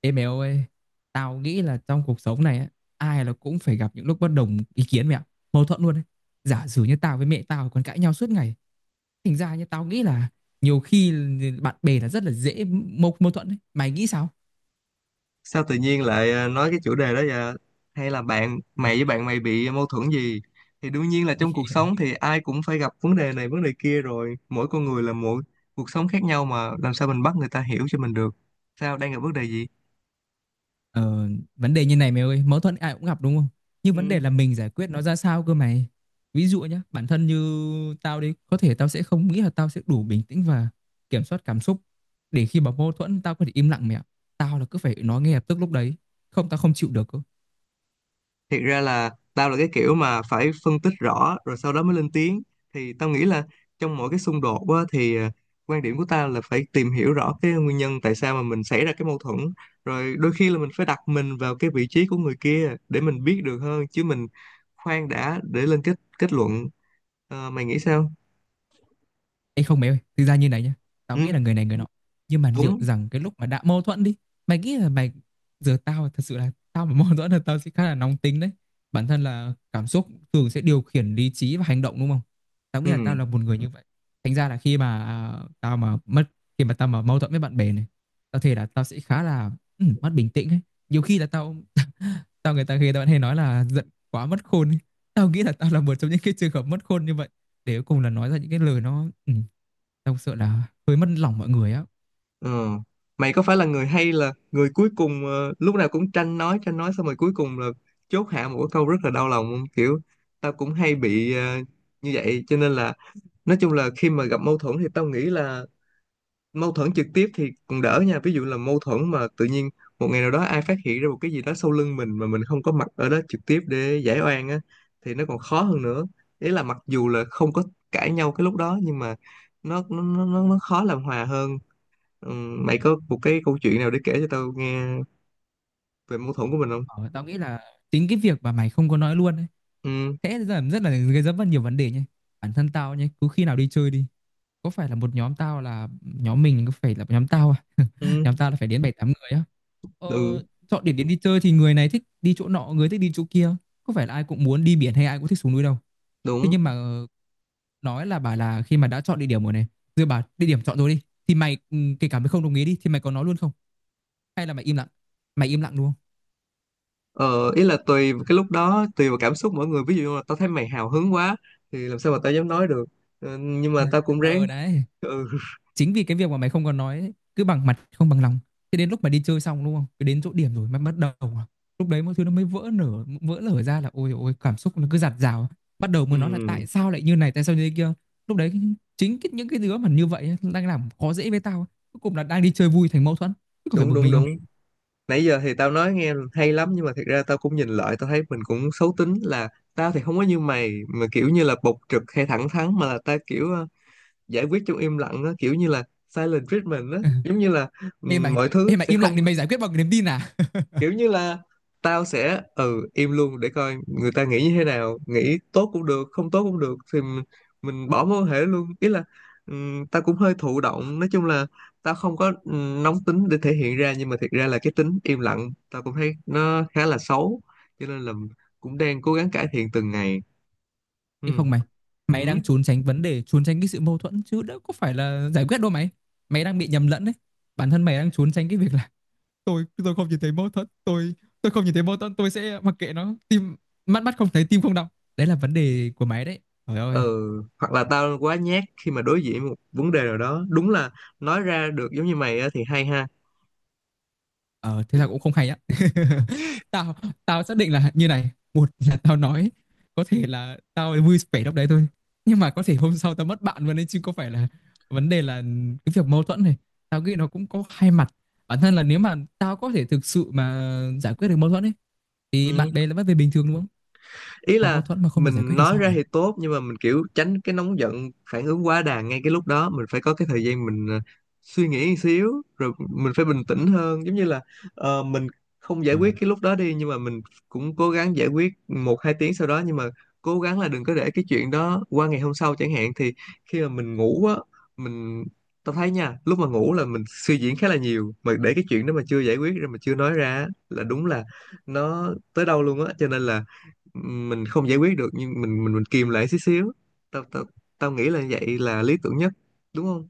Ê mày ơi, tao nghĩ là trong cuộc sống này á, ai là cũng phải gặp những lúc bất đồng ý kiến mẹ ạ, mâu thuẫn luôn đấy. Giả sử như tao với mẹ tao còn cãi nhau suốt ngày, thành ra như tao nghĩ là nhiều khi bạn bè là rất là dễ mâu mâu thuẫn đấy. Mày nghĩ sao? Sao tự nhiên lại nói cái chủ đề đó vậy? Hay là bạn Ờ. mày với bạn mày bị mâu thuẫn gì? Thì đương nhiên là trong cuộc sống thì ai cũng phải gặp vấn đề này vấn đề kia, rồi mỗi con người là mỗi cuộc sống khác nhau, mà làm sao mình bắt người ta hiểu cho mình được. Sao, đang gặp vấn đề gì? Ờ, vấn đề như này mày ơi, mâu thuẫn ai cũng gặp đúng không? Nhưng vấn đề là mình giải quyết nó ra sao cơ mày. Ví dụ nhá, bản thân như tao đi, có thể tao sẽ không nghĩ là tao sẽ đủ bình tĩnh và kiểm soát cảm xúc để khi mà mâu thuẫn tao có thể im lặng mẹ ạ. Tao là cứ phải nói ngay lập tức lúc đấy, không tao không chịu được cơ. Thiệt ra là tao là cái kiểu mà phải phân tích rõ rồi sau đó mới lên tiếng. Thì tao nghĩ là trong mỗi cái xung đột á, thì quan điểm của tao là phải tìm hiểu rõ cái nguyên nhân tại sao mà mình xảy ra cái mâu thuẫn, rồi đôi khi là mình phải đặt mình vào cái vị trí của người kia để mình biết được hơn, chứ mình khoan đã để lên kết kết luận Ờ, mày nghĩ sao? Ê không mày ơi, thực ra như này nhá. Tao Ừ, nghĩ là người này người nọ. Nhưng mà liệu đúng. rằng cái lúc mà đã mâu thuẫn đi, mày nghĩ là mày giờ tao thật sự là tao mà mâu thuẫn là tao sẽ khá là nóng tính đấy. Bản thân là cảm xúc thường sẽ điều khiển lý trí và hành động đúng không? Tao nghĩ là tao là Ừ. một người như vậy. Thành ra là khi mà tao mà mất khi mà tao mà mâu thuẫn với bạn bè này, tao thề là tao sẽ khá là mất bình tĩnh ấy. Nhiều khi là tao Tao người ta khi tao vẫn hay nói là giận quá mất khôn ấy. Tao nghĩ là tao là một trong những cái trường hợp mất khôn như vậy để cuối cùng là nói ra những cái lời nó tao sợ là hơi mất lòng mọi người á. Ờ. Mày có phải là người hay là người cuối cùng lúc nào cũng tranh nói tranh nói, xong rồi cuối cùng là chốt hạ một cái câu rất là đau lòng không? Kiểu tao cũng hay bị như vậy, cho nên là nói chung là khi mà gặp mâu thuẫn thì tao nghĩ là mâu thuẫn trực tiếp thì còn đỡ nha. Ví dụ là mâu thuẫn mà tự nhiên một ngày nào đó ai phát hiện ra một cái gì đó sau lưng mình mà mình không có mặt ở đó trực tiếp để giải oan á, thì nó còn khó hơn nữa. Ý là mặc dù là không có cãi nhau cái lúc đó nhưng mà nó khó làm hòa hơn. Ừ, mày có một cái câu chuyện nào để kể cho tao nghe về mâu thuẫn của mình không? Ờ, tao nghĩ là chính cái việc mà mày không có nói luôn ấy, Ừ, thế là rất là gây ra rất nhiều vấn đề nhé. Bản thân tao nhé, cứ khi nào đi chơi đi, có phải là một nhóm tao là nhóm mình có phải là nhóm tao à? ừ, Nhóm tao là phải đến 7, 8 người á ờ, ừ, Chọn điểm đến đi chơi thì người này thích đi chỗ nọ, người thích đi chỗ kia, có phải là ai cũng muốn đi biển hay ai cũng thích xuống núi đâu. Thế đúng. nhưng mà nói là bà là khi mà đã chọn địa điểm rồi này, rồi bà địa điểm chọn rồi đi, thì mày kể cả mày không đồng ý đi thì mày có nói luôn không, hay là mày im lặng, mày im lặng luôn. Ờ, ý là tùy vào cái lúc đó, tùy vào cảm xúc mỗi người. Ví dụ như là tao thấy mày hào hứng quá, thì làm sao mà tao dám nói được. Ờ, nhưng mà tao cũng ráng. Ờ đấy Ừ, chính vì cái việc mà mày không còn nói ấy, cứ bằng mặt không bằng lòng, thế đến lúc mà đi chơi xong đúng không, cứ đến chỗ điểm rồi mày bắt đầu lúc đấy mọi thứ nó mới vỡ lở ra, là ôi ôi cảm xúc nó cứ dạt dào, bắt đầu ừ, mới nói là tại sao lại như này tại sao như thế kia. Lúc đấy chính cái, những cái đứa mà như vậy ấy, đang làm khó dễ với tao, cuối cùng là đang đi chơi vui thành mâu thuẫn, chứ có phải đúng, bực đúng, mình không. đúng. Nãy giờ thì tao nói nghe hay lắm, nhưng mà thật ra tao cũng nhìn lại, tao thấy mình cũng xấu tính, là tao thì không có như mày, mà kiểu như là bộc trực hay thẳng thắn, mà là tao kiểu giải quyết trong im lặng á, kiểu như là silent treatment á, giống như là ừ, Ê mày, mọi thứ ê mày, sẽ im lặng không, thì mày giải quyết bằng niềm tin à? kiểu như là tao sẽ im luôn để coi người ta nghĩ như thế nào, nghĩ tốt cũng được, không tốt cũng được, thì mình bỏ mối quan hệ luôn. Ý là tao cũng hơi thụ động, nói chung là tao không có nóng tính để thể hiện ra, nhưng mà thiệt ra là cái tính im lặng tao cũng thấy nó khá là xấu, cho nên là cũng đang cố gắng cải thiện từng ngày. Ừ, Ê không mày, ừ, mày đang trốn tránh vấn đề, trốn tránh cái sự mâu thuẫn chứ đâu có phải là giải quyết đâu mày. Mày đang bị nhầm lẫn đấy. Bản thân mày đang trốn tránh cái việc là tôi không nhìn thấy mâu thuẫn, tôi không nhìn thấy mâu thuẫn, tôi sẽ mặc kệ nó, mắt mắt không thấy tim không đau. Đấy là vấn đề của mày đấy. Trời ơi. ừ. Hoặc là tao quá nhát khi mà đối diện một vấn đề nào đó, đúng là nói ra được giống như mày á thì hay ha. Ờ, thế là cũng không hay á. Tao tao xác định là như này, một là tao nói, có thể là tao vui vẻ lúc đấy thôi, nhưng mà có thể hôm sau tao mất bạn luôn đấy chứ có phải là, vấn đề là cái việc mâu thuẫn này. Tao nghĩ nó cũng có hai mặt. Bản thân là nếu mà tao có thể thực sự mà giải quyết được mâu thuẫn ấy thì bạn bè Ừ, là vẫn về bình thường đúng không? ý Mà là mâu thuẫn mà không được giải mình quyết thì nói sao ra thì tốt, nhưng mà mình kiểu tránh cái nóng giận phản ứng quá đà ngay cái lúc đó, mình phải có cái thời gian mình suy nghĩ một xíu rồi mình phải bình tĩnh hơn, giống như là mình không giải quyết mày? cái lúc đó đi nhưng mà mình cũng cố gắng giải quyết một hai tiếng sau đó, nhưng mà cố gắng là đừng có để cái chuyện đó qua ngày hôm sau chẳng hạn. Thì khi mà mình ngủ á, mình tao thấy nha, lúc mà ngủ là mình suy diễn khá là nhiều, mà để cái chuyện đó mà chưa giải quyết rồi mà chưa nói ra á, là đúng là nó tới đâu luôn á, cho nên là mình không giải quyết được nhưng mình kìm lại xíu xíu. Tao tao tao nghĩ là vậy là lý tưởng nhất, đúng không?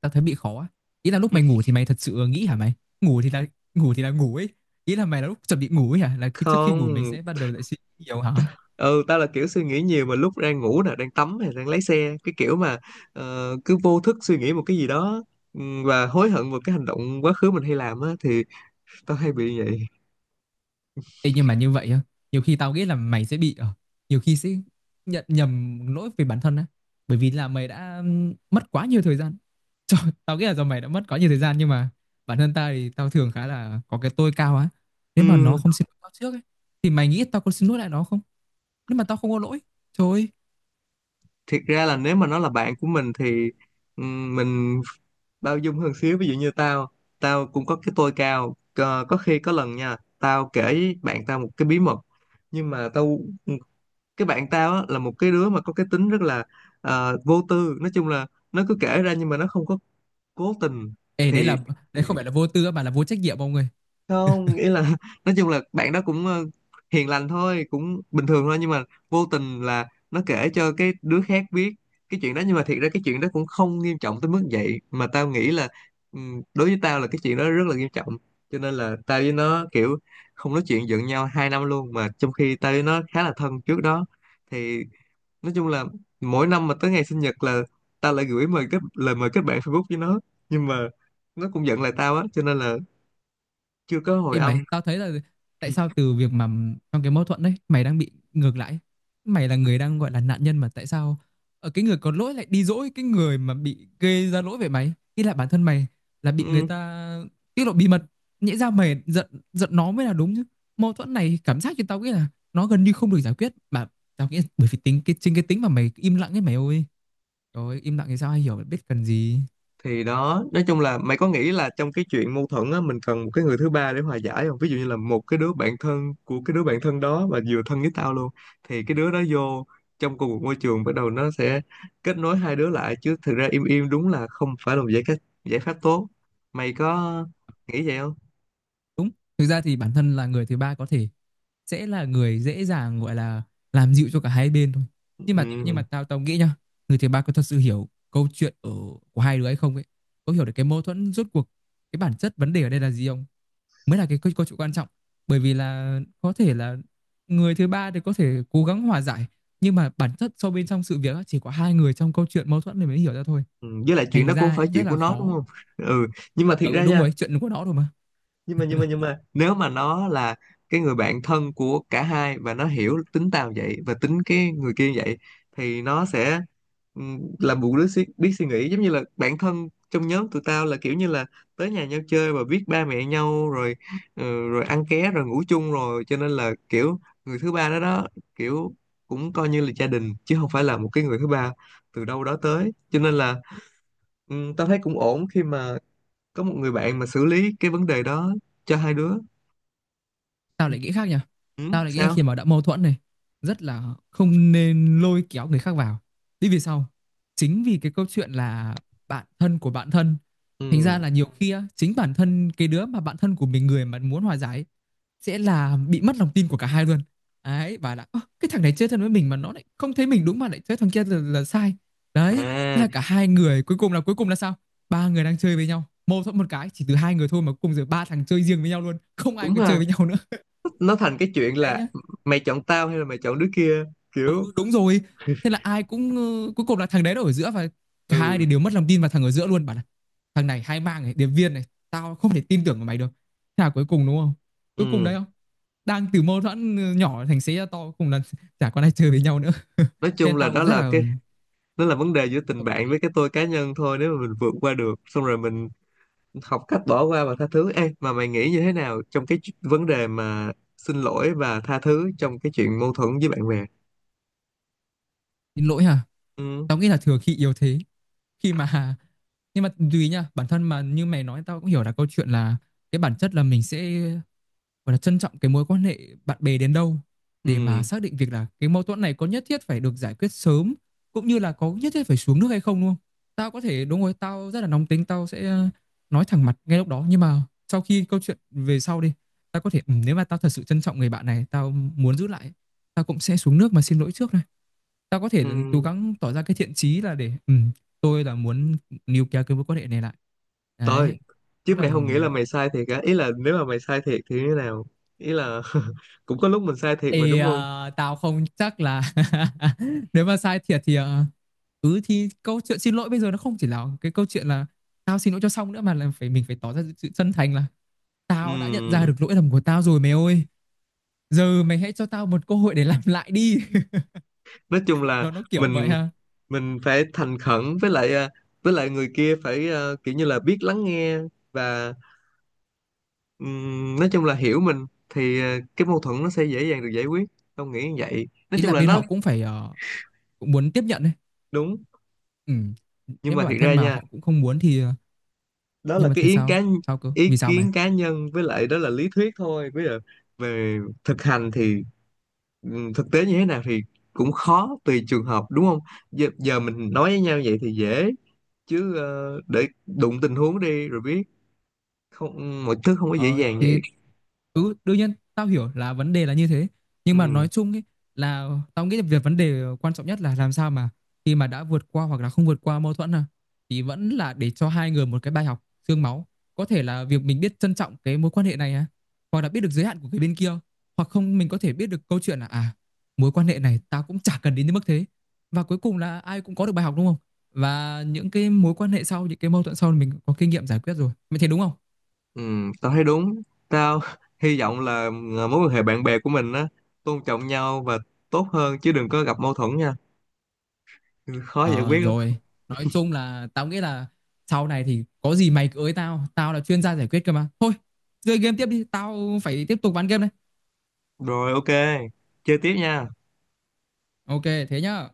Tao thấy bị khó á. Ý là lúc mày ngủ thì mày thật sự nghĩ hả mày? Ngủ thì là ngủ thì là ngủ ấy. Ý là mày là lúc chuẩn bị ngủ ấy hả? Là khi trước khi ngủ mày Không. sẽ bắt đầu lại suy nghĩ nhiều hả? Ừ, tao là kiểu suy nghĩ nhiều mà lúc đang ngủ nè, đang tắm hay đang lái xe, cái kiểu mà cứ vô thức suy nghĩ một cái gì đó, và hối hận một cái hành động quá khứ mình hay làm á, thì tao hay bị vậy. Ê, nhưng mà như vậy á, nhiều khi tao nghĩ là mày sẽ bị nhiều khi sẽ nhận nhầm lỗi về bản thân á. Bởi vì là mày đã mất quá nhiều thời gian. Trời, tao nghĩ là do mày đã mất quá nhiều thời gian, nhưng mà bản thân tao thì tao thường khá là có cái tôi cao á. Nếu mà nó Ừm, không xin lỗi tao trước ấy thì mày nghĩ tao có xin lỗi lại nó không? Nếu mà tao không có lỗi, trời ơi. Thiệt ra là nếu mà nó là bạn của mình thì mình bao dung hơn xíu. Ví dụ như tao, tao cũng có cái tôi cao Ờ, có khi có lần nha, tao kể với bạn tao một cái bí mật, nhưng mà cái bạn tao á, là một cái đứa mà có cái tính rất là vô tư, nói chung là nó cứ kể ra nhưng mà nó không có cố tình. Ê đấy Thì là đấy không phải là vô tư mà là vô trách nhiệm ông ơi. không nghĩa là nói chung là bạn đó cũng hiền lành thôi, cũng bình thường thôi, nhưng mà vô tình là nó kể cho cái đứa khác biết cái chuyện đó, nhưng mà thiệt ra cái chuyện đó cũng không nghiêm trọng tới mức vậy. Mà tao nghĩ là đối với tao là cái chuyện đó rất là nghiêm trọng, cho nên là tao với nó kiểu không nói chuyện, giận nhau 2 năm luôn, mà trong khi tao với nó khá là thân trước đó. Thì nói chung là mỗi năm mà tới ngày sinh nhật là tao lại gửi mời kết lời mời kết bạn Facebook với nó, nhưng mà nó cũng giận lại tao á, cho nên là chưa có hồi Ê mày, âm. tao thấy là, tại sao từ việc mà trong cái mâu thuẫn đấy mày đang bị ngược lại. Mày là người đang gọi là nạn nhân mà tại sao ở cái người có lỗi lại đi dỗi cái người mà bị gây ra lỗi về mày? Ý là bản thân mày là bị người Ừ, ta tiết lộ bí mật, nhẽ ra mày giận giận nó mới là đúng chứ. Mâu thuẫn này cảm giác cho tao nghĩ là nó gần như không được giải quyết, mà tao nghĩ bởi vì tính cái, chính cái tính mà mày im lặng ấy mày ơi. Trời ơi, im lặng thì sao ai hiểu biết cần gì. thì đó, nói chung là mày có nghĩ là trong cái chuyện mâu thuẫn á, mình cần một cái người thứ ba để hòa giải không? Ví dụ như là một cái đứa bạn thân của cái đứa bạn thân đó mà vừa thân với tao luôn, thì cái đứa đó vô trong cùng một môi trường, bắt đầu nó sẽ kết nối hai đứa lại. Chứ thực ra im im đúng là không phải là một giải pháp tốt. Mày có nghĩ vậy không? Đúng. Thực ra thì bản thân là người thứ ba có thể sẽ là người dễ dàng gọi là làm dịu cho cả hai bên thôi. Nhưng mà Ừ. tao tao nghĩ nhá, người thứ ba có thật sự hiểu câu chuyện của hai đứa hay không ấy, có hiểu được cái mâu thuẫn rốt cuộc cái bản chất vấn đề ở đây là gì không? Mới là cái câu chuyện quan trọng. Bởi vì là có thể là người thứ ba thì có thể cố gắng hòa giải, nhưng mà bản chất sâu bên trong sự việc á, chỉ có hai người trong câu chuyện mâu thuẫn này mới hiểu ra thôi. Ừ, với lại chuyện Thành đó cũng không ra phải ấy, rất chuyện của là nó đúng khó. không? Ừ, nhưng mà À, thiệt ừ ra đúng nha, rồi, chuyện của nó rồi mà. nhưng mà nếu mà nó là cái người bạn thân của cả hai, và nó hiểu tính tao vậy và tính cái người kia vậy, thì nó sẽ làm một đứa biết suy nghĩ. Giống như là bạn thân trong nhóm tụi tao là kiểu như là tới nhà nhau chơi và biết ba mẹ nhau rồi, ừ, rồi ăn ké rồi ngủ chung rồi, cho nên là kiểu người thứ ba đó đó, kiểu cũng coi như là gia đình chứ không phải là một cái người thứ ba từ đâu đó tới. Cho nên là tao thấy cũng ổn khi mà có một người bạn mà xử lý cái vấn đề đó cho hai đứa. Tao Ừ, lại nghĩ khác nha. Tao lại nghĩ là khi sao? mà đã mâu thuẫn này, rất là không nên lôi kéo người khác vào đi. Vì sao? Chính vì cái câu chuyện là bạn thân của bạn thân, thành ra Ừ. là nhiều khi á, chính bản thân cái đứa mà bạn thân của mình, người mà muốn hòa giải ấy, sẽ là bị mất lòng tin của cả hai luôn đấy, và là "Ơ, cái thằng này chơi thân với mình mà nó lại không thấy mình đúng mà lại chơi thằng kia là sai đấy." Thế À, là cả hai người, cuối cùng là sao, ba người đang chơi với nhau, mâu thuẫn một cái chỉ từ hai người thôi mà cuối cùng giờ ba thằng chơi riêng với nhau luôn, không ai đúng còn chơi ha. với nhau nữa. Nó thành cái chuyện Đấy là nhá. mày chọn tao hay là mày chọn đứa kia, kiểu. Ừ, đúng rồi, thế là ai cũng cuối cùng là thằng đấy nó ở giữa, và cả hai Ừ, thì đều mất lòng tin vào thằng ở giữa luôn, bảo là thằng này hai mang này, điệp viên này, tao không thể tin tưởng vào mày được. Thế là cuối cùng đúng không, cuối cùng đấy ừ, không, đang từ mâu thuẫn nhỏ thành xế ra to, cuối cùng là chả còn ai chơi với nhau nữa. Thế nói chung nên là tao rất là đó là vấn đề giữa tình ừ, bạn với cái tôi cá nhân thôi. Nếu mà mình vượt qua được xong rồi mình học cách bỏ qua và tha thứ. Ê, mà mày nghĩ như thế nào trong cái vấn đề mà xin lỗi và tha thứ trong cái chuyện mâu thuẫn với bạn bè? xin lỗi hả, Ừ, tao nghĩ là thừa khi yếu thế, khi mà nhưng mà tùy nha, bản thân mà như mày nói, tao cũng hiểu là câu chuyện là, cái bản chất là mình sẽ gọi là trân trọng cái mối quan hệ bạn bè đến đâu, để mà ừ, xác định việc là cái mâu thuẫn này có nhất thiết phải được giải quyết sớm, cũng như là có nhất thiết phải xuống nước hay không, đúng không? Tao có thể, đúng rồi, tao rất là nóng tính, tao sẽ nói thẳng mặt ngay lúc đó, nhưng mà sau khi câu chuyện về sau đi, tao có thể nếu mà tao thật sự trân trọng người bạn này, tao muốn giữ lại, tao cũng sẽ xuống nước mà xin lỗi trước này. Tao có thể cố ừ. gắng tỏ ra cái thiện chí là để tôi là muốn níu kéo cái mối quan hệ này lại. Tôi Đấy. Đó Chứ là mày ừ, không nghĩ là mày sai thiệt á? Ý là nếu mà mày sai thiệt thì như thế nào? Ý là cũng có lúc mình sai thiệt mà Ê, đúng không? Tao không chắc là, nếu mà sai thiệt thì thì câu chuyện xin lỗi bây giờ nó không chỉ là cái câu chuyện là tao xin lỗi cho xong nữa, mà là phải, mình phải tỏ ra sự chân thành là tao đã nhận ra Ừm, được lỗi lầm của tao rồi mày ơi, giờ mày hãy cho tao một cơ hội để làm lại đi. nói chung là Nó kiểu vậy mình ha, mình phải thành khẩn, với lại với lại người kia phải kiểu như là biết lắng nghe và nói chung là hiểu mình thì cái mâu thuẫn nó sẽ dễ dàng được giải quyết, không nghĩ như vậy, nói ý chung là là bên nó họ cũng phải cũng muốn tiếp nhận đấy. đúng. Ừ. Nhưng Nếu mà mà thiệt bản thân ra mà nha, họ cũng không muốn thì đó nhưng là mà cái thế ý sao, kiến, sao cơ, ý vì sao mày. kiến cá nhân. Với lại đó là lý thuyết thôi, bây giờ về thực hành thì thực tế như thế nào thì cũng khó, tùy trường hợp đúng không? Giờ mình nói với nhau vậy thì dễ, chứ để đụng tình huống đi rồi biết, không mọi thứ không có dễ Ờ, dàng vậy. Đương nhiên tao hiểu là vấn đề là như thế, nhưng mà Ừ, nói chung ấy, là tao nghĩ là vấn đề quan trọng nhất là làm sao mà khi mà đã vượt qua hoặc là không vượt qua mâu thuẫn thì vẫn là để cho hai người một cái bài học xương máu, có thể là việc mình biết trân trọng cái mối quan hệ này hoặc là biết được giới hạn của cái bên kia, hoặc không mình có thể biết được câu chuyện là, à, mối quan hệ này tao cũng chả cần đến đến mức thế, và cuối cùng là ai cũng có được bài học đúng không, và những cái mối quan hệ sau, những cái mâu thuẫn sau mình có kinh nghiệm giải quyết rồi, mày thấy đúng không. ừ, tao thấy đúng. Tao hy vọng là mối quan hệ bạn bè của mình á tôn trọng nhau và tốt hơn, chứ đừng có gặp mâu thuẫn nha. Ừ, khó giải Ờ quyết lắm. rồi, nói chung là tao nghĩ là sau này thì có gì mày cứ ới tao, tao là chuyên gia giải quyết cơ mà. Thôi, chơi game tiếp đi, tao phải tiếp tục ván game đây. Rồi, OK, chơi tiếp nha. Ok, thế nhá.